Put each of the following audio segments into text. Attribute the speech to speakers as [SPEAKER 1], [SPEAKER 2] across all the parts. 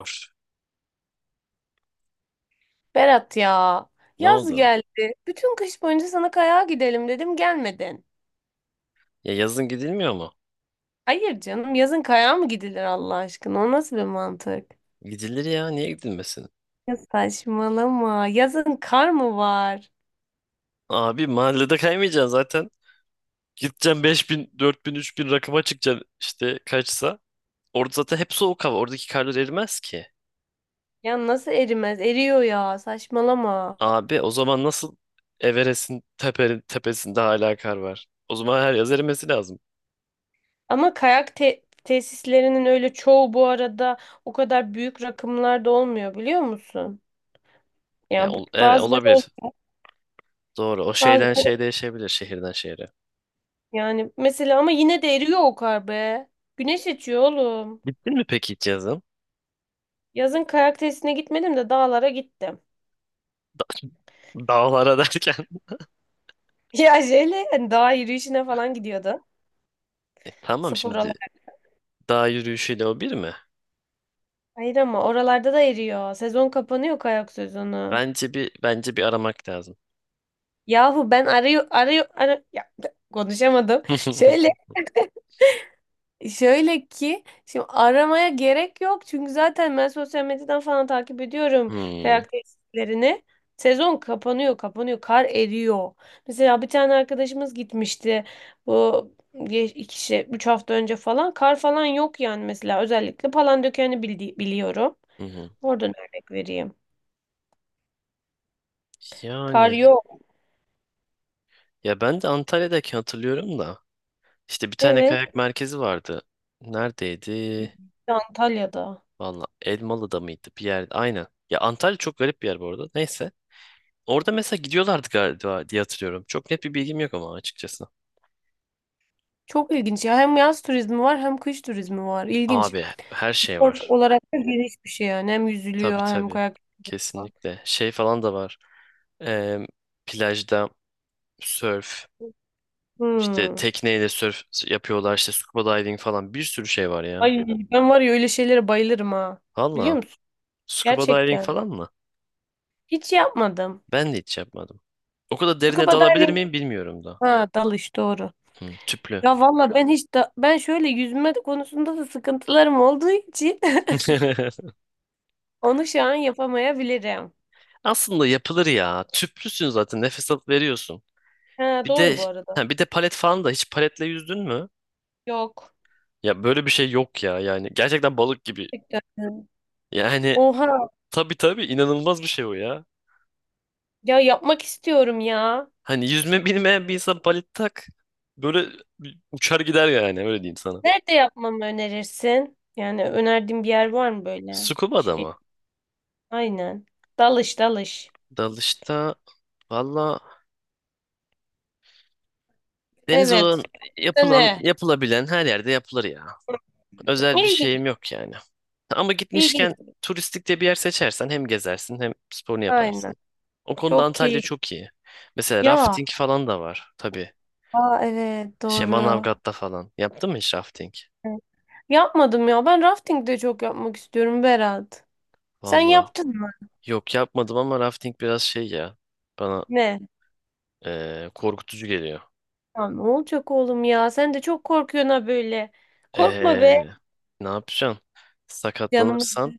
[SPEAKER 1] Var.
[SPEAKER 2] Berat ya,
[SPEAKER 1] Ne
[SPEAKER 2] yaz
[SPEAKER 1] oldu?
[SPEAKER 2] geldi. Bütün kış boyunca sana kayağa gidelim dedim, gelmedin.
[SPEAKER 1] Ya yazın gidilmiyor mu?
[SPEAKER 2] Hayır canım, yazın kayağa mı gidilir Allah aşkına? O nasıl bir mantık?
[SPEAKER 1] Gidilir ya niye gidilmesin?
[SPEAKER 2] Ya saçmalama. Yazın kar mı var?
[SPEAKER 1] Abi mahallede kaymayacaksın zaten. Gideceksin 5.000, 4.000, 3.000 rakıma çıkacaksın işte kaçsa. Orada zaten hep soğuk hava. Oradaki karlar erimez ki.
[SPEAKER 2] Ya nasıl erimez? Eriyor ya, saçmalama.
[SPEAKER 1] Abi o zaman nasıl Everest'in tepenin tepesinde hala kar var? O zaman her yaz erimesi lazım.
[SPEAKER 2] Ama tesislerinin öyle çoğu bu arada o kadar büyük rakımlarda olmuyor biliyor musun?
[SPEAKER 1] Ya
[SPEAKER 2] Ya bu-
[SPEAKER 1] evet
[SPEAKER 2] bazıları ol-
[SPEAKER 1] olabilir. Doğru. O
[SPEAKER 2] bazı
[SPEAKER 1] şeyden şeye değişebilir şehirden şehre.
[SPEAKER 2] yani mesela ama yine de eriyor o kar be. Güneş açıyor oğlum.
[SPEAKER 1] Gittin mi peki hiç yazın?
[SPEAKER 2] Yazın kayak tesisine gitmedim de dağlara gittim.
[SPEAKER 1] Dağlara derken.
[SPEAKER 2] Ya şeyle hani dağ yürüyüşüne falan gidiyordu.
[SPEAKER 1] Tamam
[SPEAKER 2] Spor
[SPEAKER 1] şimdi
[SPEAKER 2] olarak.
[SPEAKER 1] dağ yürüyüşüyle o bir mi?
[SPEAKER 2] Hayır ama oralarda da eriyor. Sezon kapanıyor, kayak sezonu.
[SPEAKER 1] Bence bir aramak lazım.
[SPEAKER 2] Yahu ben arıyor ya, konuşamadım. Şöyle şöyle ki, şimdi aramaya gerek yok çünkü zaten ben sosyal medyadan falan takip ediyorum
[SPEAKER 1] Hmm,
[SPEAKER 2] kayak tesislerini. Sezon kapanıyor, kapanıyor, kar eriyor. Mesela bir tane arkadaşımız gitmişti bu geç- iki işte 3 hafta önce falan, kar falan yok yani. Mesela özellikle Palandöken'i biliyorum.
[SPEAKER 1] hı hı.
[SPEAKER 2] Oradan örnek vereyim. Kar
[SPEAKER 1] Yani
[SPEAKER 2] yok.
[SPEAKER 1] ya ben de Antalya'daki hatırlıyorum da işte bir tane
[SPEAKER 2] Evet,
[SPEAKER 1] kayak merkezi vardı. Neredeydi?
[SPEAKER 2] Antalya'da.
[SPEAKER 1] Valla Elmalı'da mıydı? Bir yer. Aynen. Ya Antalya çok garip bir yer bu arada. Neyse. Orada mesela gidiyorlardı galiba diye hatırlıyorum. Çok net bir bilgim yok ama açıkçası.
[SPEAKER 2] Çok ilginç ya, hem yaz turizmi var hem kış turizmi var. İlginç.
[SPEAKER 1] Abi her şey
[SPEAKER 2] Spor
[SPEAKER 1] var.
[SPEAKER 2] olarak da geniş bir şey yani. Hem yüzülüyor
[SPEAKER 1] Tabii
[SPEAKER 2] hem
[SPEAKER 1] tabii.
[SPEAKER 2] kayak. Falan.
[SPEAKER 1] Kesinlikle. Şey falan da var. Em, Plajda sörf. İşte
[SPEAKER 2] Hmm.
[SPEAKER 1] tekneyle surf yapıyorlar, işte scuba diving falan, bir sürü şey var ya.
[SPEAKER 2] Ay ben var ya, öyle şeylere bayılırım ha. Biliyor
[SPEAKER 1] Valla
[SPEAKER 2] musun?
[SPEAKER 1] scuba diving
[SPEAKER 2] Gerçekten.
[SPEAKER 1] falan mı?
[SPEAKER 2] Hiç yapmadım.
[SPEAKER 1] Ben de hiç yapmadım. O kadar derine
[SPEAKER 2] Scuba
[SPEAKER 1] dalabilir
[SPEAKER 2] diving.
[SPEAKER 1] miyim bilmiyorum da.
[SPEAKER 2] Ha, dalış, doğru.
[SPEAKER 1] Hı, tüplü.
[SPEAKER 2] Ya valla ben şöyle yüzme konusunda da sıkıntılarım olduğu için onu şu an yapamayabilirim.
[SPEAKER 1] Aslında yapılır ya. Tüplüsün zaten, nefes alıp veriyorsun.
[SPEAKER 2] Ha
[SPEAKER 1] Bir de
[SPEAKER 2] doğru bu arada.
[SPEAKER 1] ha, bir de palet falan da, hiç paletle yüzdün mü?
[SPEAKER 2] Yok.
[SPEAKER 1] Ya böyle bir şey yok ya yani. Gerçekten balık gibi.
[SPEAKER 2] Gerçekten.
[SPEAKER 1] Yani
[SPEAKER 2] Oha
[SPEAKER 1] tabii tabii, inanılmaz bir şey o ya.
[SPEAKER 2] ya, yapmak istiyorum ya.
[SPEAKER 1] Hani yüzme bilmeyen bir insan palet tak. Böyle uçar gider yani, öyle diyeyim sana.
[SPEAKER 2] Nerede yapmamı önerirsin? Yani önerdiğin bir yer var mı böyle?
[SPEAKER 1] Scuba da
[SPEAKER 2] Şey.
[SPEAKER 1] mı?
[SPEAKER 2] Aynen. Dalış dalış.
[SPEAKER 1] Dalışta valla, deniz olan
[SPEAKER 2] Evet.
[SPEAKER 1] yapılan
[SPEAKER 2] Ne?
[SPEAKER 1] yapılabilen her yerde yapılır ya. Özel bir
[SPEAKER 2] İlginç,
[SPEAKER 1] şeyim yok yani. Ama
[SPEAKER 2] ilginç.
[SPEAKER 1] gitmişken turistik de bir yer seçersen, hem gezersin hem sporunu
[SPEAKER 2] Aynen.
[SPEAKER 1] yaparsın. O konuda
[SPEAKER 2] Çok
[SPEAKER 1] Antalya
[SPEAKER 2] keyifli.
[SPEAKER 1] çok iyi. Mesela
[SPEAKER 2] Ya,
[SPEAKER 1] rafting falan da var tabii.
[SPEAKER 2] aa, evet
[SPEAKER 1] Şey,
[SPEAKER 2] doğru.
[SPEAKER 1] Manavgat'ta falan. Yaptın mı hiç rafting?
[SPEAKER 2] Evet. Yapmadım ya. Ben rafting de çok yapmak istiyorum Berat. Sen
[SPEAKER 1] Valla
[SPEAKER 2] yaptın mı?
[SPEAKER 1] yok, yapmadım, ama rafting biraz şey ya. Bana
[SPEAKER 2] Ne?
[SPEAKER 1] korkutucu geliyor.
[SPEAKER 2] Ya ne olacak oğlum ya? Sen de çok korkuyorsun ha böyle. Korkma be.
[SPEAKER 1] Eee, Ne yapacaksın?
[SPEAKER 2] Canımız.
[SPEAKER 1] Sakatlanırsan,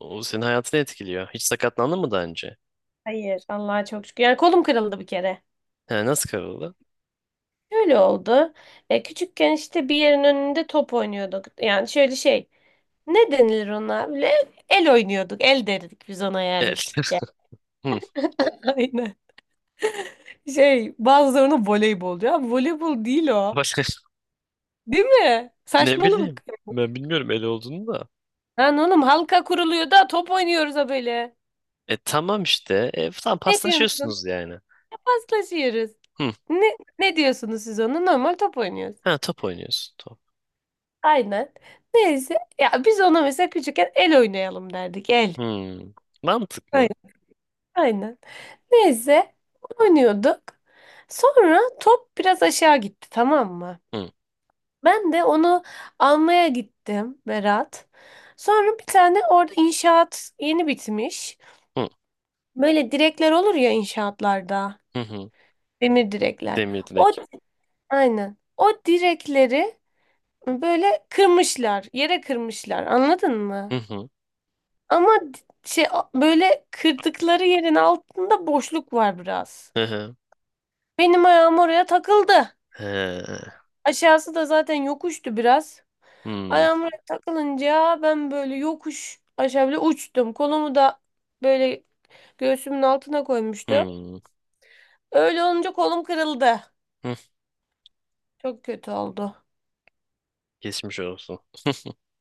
[SPEAKER 1] o senin hayatını etkiliyor. Hiç sakatlandın mı daha önce?
[SPEAKER 2] Hayır. Allah'a çok şükür. Yani kolum kırıldı bir kere.
[SPEAKER 1] He, nasıl kırıldı?
[SPEAKER 2] Öyle oldu. Küçükken işte bir yerin önünde top oynuyorduk. Yani şöyle şey. Ne denilir ona? Böyle el oynuyorduk. El derdik biz ona yani
[SPEAKER 1] El.
[SPEAKER 2] küçükken.
[SPEAKER 1] Hı,
[SPEAKER 2] Aynen. Şey, bazıları ona voleybol diyor. Abi voleybol değil o.
[SPEAKER 1] başka
[SPEAKER 2] Değil mi?
[SPEAKER 1] ne bileyim.
[SPEAKER 2] Saçmalık.
[SPEAKER 1] Ben bilmiyorum el olduğunu da.
[SPEAKER 2] Lan oğlum, halka kuruluyor da top oynuyoruz ha böyle.
[SPEAKER 1] Tamam işte. Tamam,
[SPEAKER 2] Ne diyorsunuz ona?
[SPEAKER 1] paslaşıyorsunuz yani.
[SPEAKER 2] Paslaşıyoruz.
[SPEAKER 1] Hı.
[SPEAKER 2] Ne diyorsunuz siz ona? Normal top oynuyoruz.
[SPEAKER 1] Ha, top oynuyorsun. Top.
[SPEAKER 2] Aynen. Neyse. Ya biz ona mesela küçükken el oynayalım derdik. El.
[SPEAKER 1] Hı. Mantıklı.
[SPEAKER 2] Aynen. Aynen. Neyse. Oynuyorduk. Sonra top biraz aşağı gitti, tamam mı?
[SPEAKER 1] Hı.
[SPEAKER 2] Ben de onu almaya gittim Berat. Sonra bir tane orada inşaat yeni bitmiş.
[SPEAKER 1] Hı.
[SPEAKER 2] Böyle direkler olur ya inşaatlarda.
[SPEAKER 1] Hı hı.
[SPEAKER 2] Demir direkler.
[SPEAKER 1] Demir
[SPEAKER 2] O,
[SPEAKER 1] direkt.
[SPEAKER 2] aynen. O direkleri böyle kırmışlar. Yere kırmışlar. Anladın
[SPEAKER 1] Hı
[SPEAKER 2] mı?
[SPEAKER 1] hı.
[SPEAKER 2] Ama di- şey böyle kırdıkları yerin altında boşluk var biraz.
[SPEAKER 1] Hı hı.
[SPEAKER 2] Benim ayağım oraya takıldı.
[SPEAKER 1] He.
[SPEAKER 2] Aşağısı da zaten yokuştu biraz.
[SPEAKER 1] Hı.
[SPEAKER 2] Ayağım takılınca ben böyle yokuş aşağı bile uçtum. Kolumu da böyle göğsümün altına koymuştu.
[SPEAKER 1] Hı.
[SPEAKER 2] Öyle olunca kolum kırıldı.
[SPEAKER 1] Hı.
[SPEAKER 2] Çok kötü oldu.
[SPEAKER 1] Geçmiş olsun.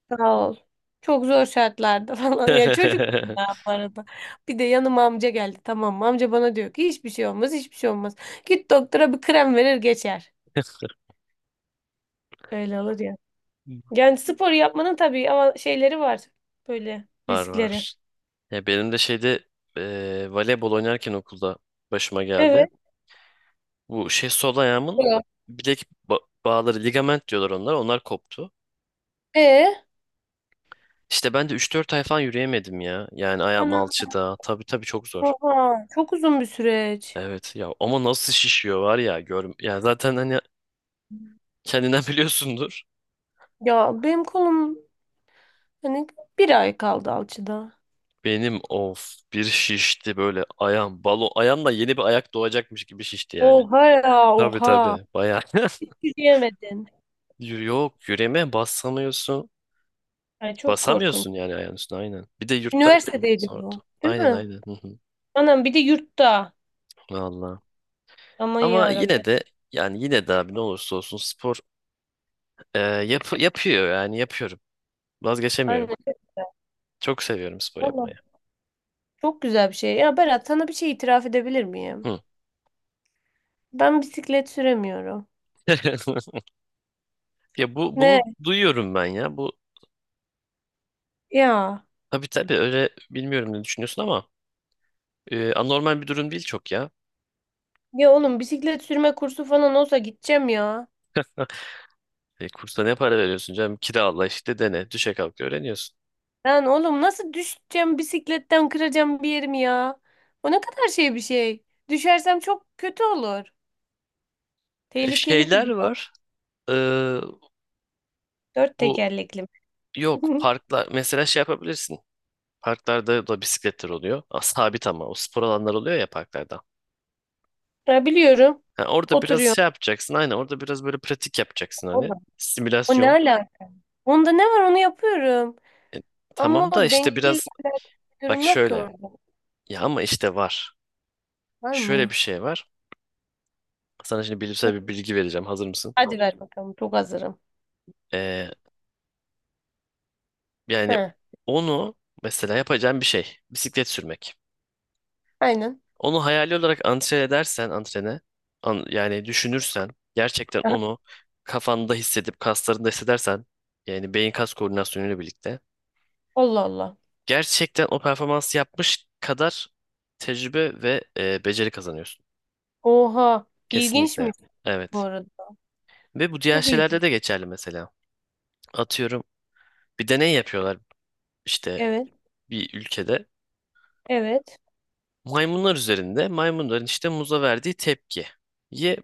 [SPEAKER 2] Sağ ol. Çok zor şartlarda falan. Ya çocuk ya bu arada. Bir de yanıma amca geldi. Tamam mı? Amca bana diyor ki hiçbir şey olmaz, hiçbir şey olmaz. Git doktora, bir krem verir geçer. Öyle olur ya. Yani spor yapmanın tabii ama şeyleri var. Böyle
[SPEAKER 1] Var,
[SPEAKER 2] riskleri.
[SPEAKER 1] var. Ya benim de şeyde, voleybol oynarken okulda başıma geldi.
[SPEAKER 2] Evet.
[SPEAKER 1] Bu şey, sol ayağımın
[SPEAKER 2] Yok.
[SPEAKER 1] bilek bağları, ligament diyorlar onlar. Onlar koptu.
[SPEAKER 2] E?
[SPEAKER 1] İşte ben de üç dört ay falan yürüyemedim ya. Yani ayağım alçıda. Tabii tabii, çok zor.
[SPEAKER 2] Oha, çok uzun bir süreç.
[SPEAKER 1] Evet ya, ama nasıl şişiyor var ya, gör ya, zaten hani kendinden biliyorsundur.
[SPEAKER 2] Ya benim kolum hani 1 ay kaldı alçıda.
[SPEAKER 1] Benim of bir şişti böyle ayağım, balon ayağımla yeni bir ayak doğacakmış gibi şişti yani.
[SPEAKER 2] Oha ya,
[SPEAKER 1] Tabii
[SPEAKER 2] oha.
[SPEAKER 1] tabii, bayağı.
[SPEAKER 2] Yürüyemedin.
[SPEAKER 1] Yok, yürüme, basamıyorsun.
[SPEAKER 2] Ay çok korkunç.
[SPEAKER 1] Basamıyorsun yani ayağın üstüne, aynen. Bir de yurttaydım mı?
[SPEAKER 2] Üniversitedeydi
[SPEAKER 1] Sordu.
[SPEAKER 2] bu. Değil
[SPEAKER 1] Aynen
[SPEAKER 2] mi?
[SPEAKER 1] aynen. Hı hı.
[SPEAKER 2] Anam bir de yurtta.
[SPEAKER 1] Vallahi.
[SPEAKER 2] Aman
[SPEAKER 1] Ama
[SPEAKER 2] ya Rabbi.
[SPEAKER 1] yine de, yani yine de abi, ne olursa olsun spor, yapıyor yani yapıyorum.
[SPEAKER 2] Anne,
[SPEAKER 1] Vazgeçemiyorum. Çok seviyorum spor
[SPEAKER 2] anam,
[SPEAKER 1] yapmayı.
[SPEAKER 2] çok güzel bir şey. Ya Berat, sana bir şey itiraf edebilir miyim?
[SPEAKER 1] Hı.
[SPEAKER 2] Ben bisiklet süremiyorum.
[SPEAKER 1] Ya bunu
[SPEAKER 2] Ne?
[SPEAKER 1] duyuyorum ben ya. Bu
[SPEAKER 2] Ya.
[SPEAKER 1] tabii tabii, öyle, bilmiyorum ne düşünüyorsun ama anormal bir durum değil çok ya.
[SPEAKER 2] Ya oğlum, bisiklet sürme kursu falan olsa gideceğim ya.
[SPEAKER 1] Kursa ne para veriyorsun canım? Kirala işte, dene. Düşe kalk öğreniyorsun.
[SPEAKER 2] Lan oğlum, nasıl düşeceğim bisikletten, kıracağım bir yerimi ya. O ne kadar şey bir şey. Düşersem çok kötü olur. Tehlikeli bir
[SPEAKER 1] Şeyler
[SPEAKER 2] durum.
[SPEAKER 1] var. E,
[SPEAKER 2] Dört
[SPEAKER 1] bu
[SPEAKER 2] tekerlekli.
[SPEAKER 1] yok parklar mesela, şey yapabilirsin. Parklarda da bisikletler oluyor. Sabit, ama o spor alanları oluyor ya parklarda.
[SPEAKER 2] Ya biliyorum.
[SPEAKER 1] Ha, orada biraz
[SPEAKER 2] Oturuyor.
[SPEAKER 1] şey yapacaksın, aynen, orada biraz böyle pratik yapacaksın, hani
[SPEAKER 2] Oğlum, o ne
[SPEAKER 1] simülasyon.
[SPEAKER 2] alaka? Onda ne var, onu yapıyorum.
[SPEAKER 1] E,
[SPEAKER 2] Ama
[SPEAKER 1] tamam da
[SPEAKER 2] o dengeli
[SPEAKER 1] işte
[SPEAKER 2] bir
[SPEAKER 1] biraz bak,
[SPEAKER 2] durum yok ki
[SPEAKER 1] şöyle
[SPEAKER 2] orada.
[SPEAKER 1] ya, ama işte var.
[SPEAKER 2] Var
[SPEAKER 1] Şöyle bir
[SPEAKER 2] mı?
[SPEAKER 1] şey var. Sana şimdi bilimsel bir bilgi vereceğim, hazır mısın?
[SPEAKER 2] Hadi ver bakalım. Çok hazırım.
[SPEAKER 1] Ee,
[SPEAKER 2] He,
[SPEAKER 1] Yani onu, mesela yapacağın bir şey bisiklet sürmek.
[SPEAKER 2] aynen.
[SPEAKER 1] Onu hayali olarak antren edersen, yani düşünürsen, gerçekten
[SPEAKER 2] Aha,
[SPEAKER 1] onu kafanda hissedip kaslarında hissedersen, yani beyin kas koordinasyonuyla birlikte
[SPEAKER 2] Allah Allah.
[SPEAKER 1] gerçekten o performansı yapmış kadar tecrübe ve beceri kazanıyorsun.
[SPEAKER 2] Oha.
[SPEAKER 1] Kesinlikle.
[SPEAKER 2] İlginçmiş bu
[SPEAKER 1] Evet.
[SPEAKER 2] arada.
[SPEAKER 1] Ve bu diğer
[SPEAKER 2] Çok
[SPEAKER 1] şeylerde
[SPEAKER 2] ilginç.
[SPEAKER 1] de geçerli mesela. Atıyorum, bir deney yapıyorlar işte,
[SPEAKER 2] Evet.
[SPEAKER 1] bir ülkede.
[SPEAKER 2] Evet.
[SPEAKER 1] Maymunlar üzerinde, maymunların işte muza verdiği tepkiye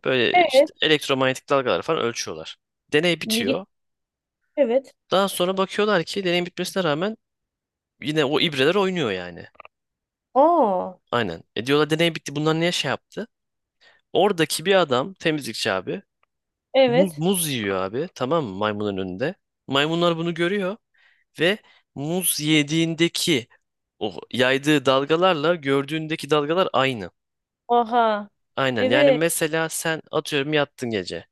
[SPEAKER 1] böyle
[SPEAKER 2] Evet.
[SPEAKER 1] işte elektromanyetik dalgalar falan ölçüyorlar. Deney
[SPEAKER 2] İlginç.
[SPEAKER 1] bitiyor.
[SPEAKER 2] Evet.
[SPEAKER 1] Daha sonra bakıyorlar ki deney bitmesine rağmen yine o ibreler oynuyor yani.
[SPEAKER 2] Oo.
[SPEAKER 1] Aynen. E, diyorlar, deney bitti, bunlar niye şey yaptı? Oradaki bir adam, temizlikçi abi, muz,
[SPEAKER 2] Evet.
[SPEAKER 1] muz yiyor abi, tamam mı, maymunun önünde. Maymunlar bunu görüyor ve muz yediğindeki o yaydığı dalgalarla gördüğündeki dalgalar aynı.
[SPEAKER 2] Oha.
[SPEAKER 1] Aynen, yani
[SPEAKER 2] Evet.
[SPEAKER 1] mesela sen atıyorum yattın gece.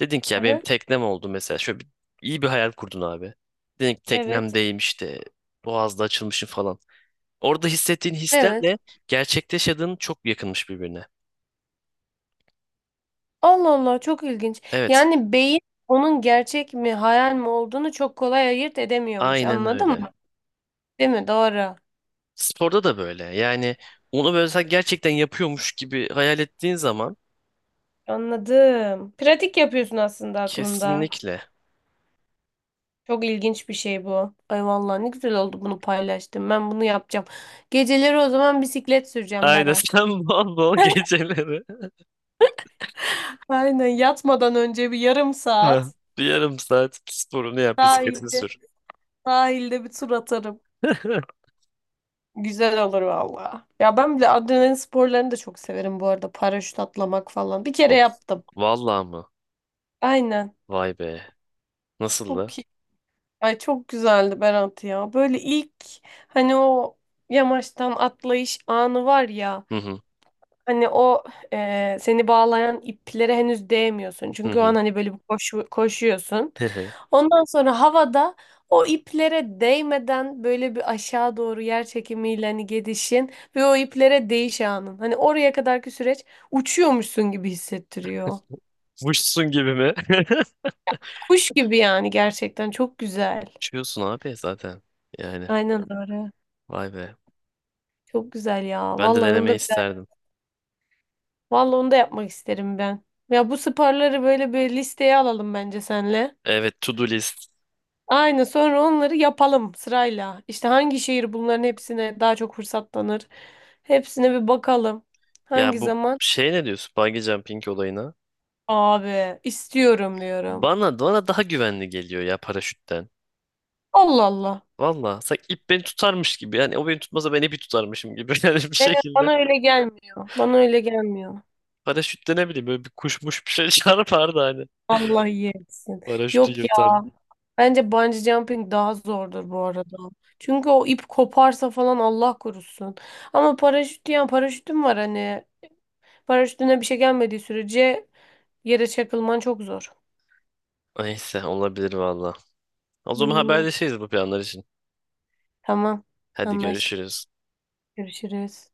[SPEAKER 1] Dedin ki, ya benim
[SPEAKER 2] Aha.
[SPEAKER 1] teknem oldu mesela. Şöyle bir, iyi bir hayal kurdun abi. Dedin ki
[SPEAKER 2] Evet.
[SPEAKER 1] teknemdeyim işte, boğazda açılmışım falan. Orada hissettiğin
[SPEAKER 2] Evet.
[SPEAKER 1] hislerle gerçekte yaşadığın çok yakınmış birbirine.
[SPEAKER 2] Allah Allah, çok ilginç.
[SPEAKER 1] Evet,
[SPEAKER 2] Yani beyin onun gerçek mi hayal mi olduğunu çok kolay ayırt edemiyormuş.
[SPEAKER 1] aynen
[SPEAKER 2] Anladın
[SPEAKER 1] öyle.
[SPEAKER 2] mı? Değil mi? Doğru.
[SPEAKER 1] Sporda da böyle. Yani onu böyle sen gerçekten yapıyormuş gibi hayal ettiğin zaman,
[SPEAKER 2] Anladım. Pratik yapıyorsun aslında aklında.
[SPEAKER 1] kesinlikle.
[SPEAKER 2] Çok ilginç bir şey bu. Ay vallahi ne güzel oldu bunu paylaştım. Ben bunu yapacağım. Geceleri o zaman bisiklet süreceğim
[SPEAKER 1] Aynen,
[SPEAKER 2] Berat.
[SPEAKER 1] sen bol bol geceleri.
[SPEAKER 2] Aynen, yatmadan önce bir yarım
[SPEAKER 1] Ha.
[SPEAKER 2] saat
[SPEAKER 1] Bir yarım saat sporunu yap, bisikletini
[SPEAKER 2] sahilde
[SPEAKER 1] sür.
[SPEAKER 2] sahilde bir tur atarım. Güzel olur valla. Ya ben bile adrenalin sporlarını da çok severim bu arada. Paraşüt atlamak falan. Bir kere
[SPEAKER 1] Of,
[SPEAKER 2] yaptım.
[SPEAKER 1] vallahi mı?
[SPEAKER 2] Aynen.
[SPEAKER 1] Vay be. Nasıldı?
[SPEAKER 2] Çok iyi. Ay çok güzeldi Berat ya. Böyle ilk, hani o yamaçtan atlayış anı var ya.
[SPEAKER 1] Hı hı.
[SPEAKER 2] Hani o, e, seni bağlayan iplere henüz değmiyorsun.
[SPEAKER 1] Hı
[SPEAKER 2] Çünkü o an
[SPEAKER 1] hı.
[SPEAKER 2] hani böyle bir koşuyorsun.
[SPEAKER 1] hı hı.
[SPEAKER 2] Ondan sonra havada o iplere değmeden böyle bir aşağı doğru yer çekimiyle hani gidişin ve o iplere değiş anın. Hani oraya kadarki süreç uçuyormuşsun gibi hissettiriyor.
[SPEAKER 1] Muşsun gibi mi?
[SPEAKER 2] Kuş gibi yani, gerçekten çok güzel.
[SPEAKER 1] Uçuyorsun abi zaten. Yani,
[SPEAKER 2] Aynen öyle.
[SPEAKER 1] vay be.
[SPEAKER 2] Çok güzel ya.
[SPEAKER 1] Ben de
[SPEAKER 2] Vallahi onu
[SPEAKER 1] denemeyi
[SPEAKER 2] da
[SPEAKER 1] isterdim.
[SPEAKER 2] yapmak isterim ben. Ya bu sporları böyle bir listeye alalım bence senle.
[SPEAKER 1] Evet, to do list.
[SPEAKER 2] Aynen, sonra onları yapalım sırayla. İşte hangi şehir bunların hepsine daha çok fırsatlanır. Hepsine bir bakalım.
[SPEAKER 1] Ya
[SPEAKER 2] Hangi
[SPEAKER 1] bu
[SPEAKER 2] zaman?
[SPEAKER 1] şey, ne diyorsun? Bungee jumping olayına.
[SPEAKER 2] Abi istiyorum diyorum.
[SPEAKER 1] Bana daha güvenli geliyor ya paraşütten.
[SPEAKER 2] Allah Allah.
[SPEAKER 1] Valla sanki ip beni tutarmış gibi. Yani o beni tutmasa ben ipi tutarmışım gibi. Yani bir şekilde.
[SPEAKER 2] Bana öyle gelmiyor. Bana öyle gelmiyor.
[SPEAKER 1] Paraşütte ne bileyim, böyle bir kuşmuş bir şey çarpardı hani.
[SPEAKER 2] Allah yesin.
[SPEAKER 1] Paraşütü
[SPEAKER 2] Yok ya,
[SPEAKER 1] yırtardı.
[SPEAKER 2] bence bungee jumping daha zordur bu arada. Çünkü o ip koparsa falan, Allah korusun. Ama paraşüt, yani paraşütüm var hani. Paraşütüne bir şey gelmediği sürece yere çakılman çok zor.
[SPEAKER 1] Neyse, olabilir valla. O zaman
[SPEAKER 2] Hmm.
[SPEAKER 1] haberleşiriz bu planlar için.
[SPEAKER 2] Tamam.
[SPEAKER 1] Hadi
[SPEAKER 2] Anlaştık.
[SPEAKER 1] görüşürüz.
[SPEAKER 2] Görüşürüz.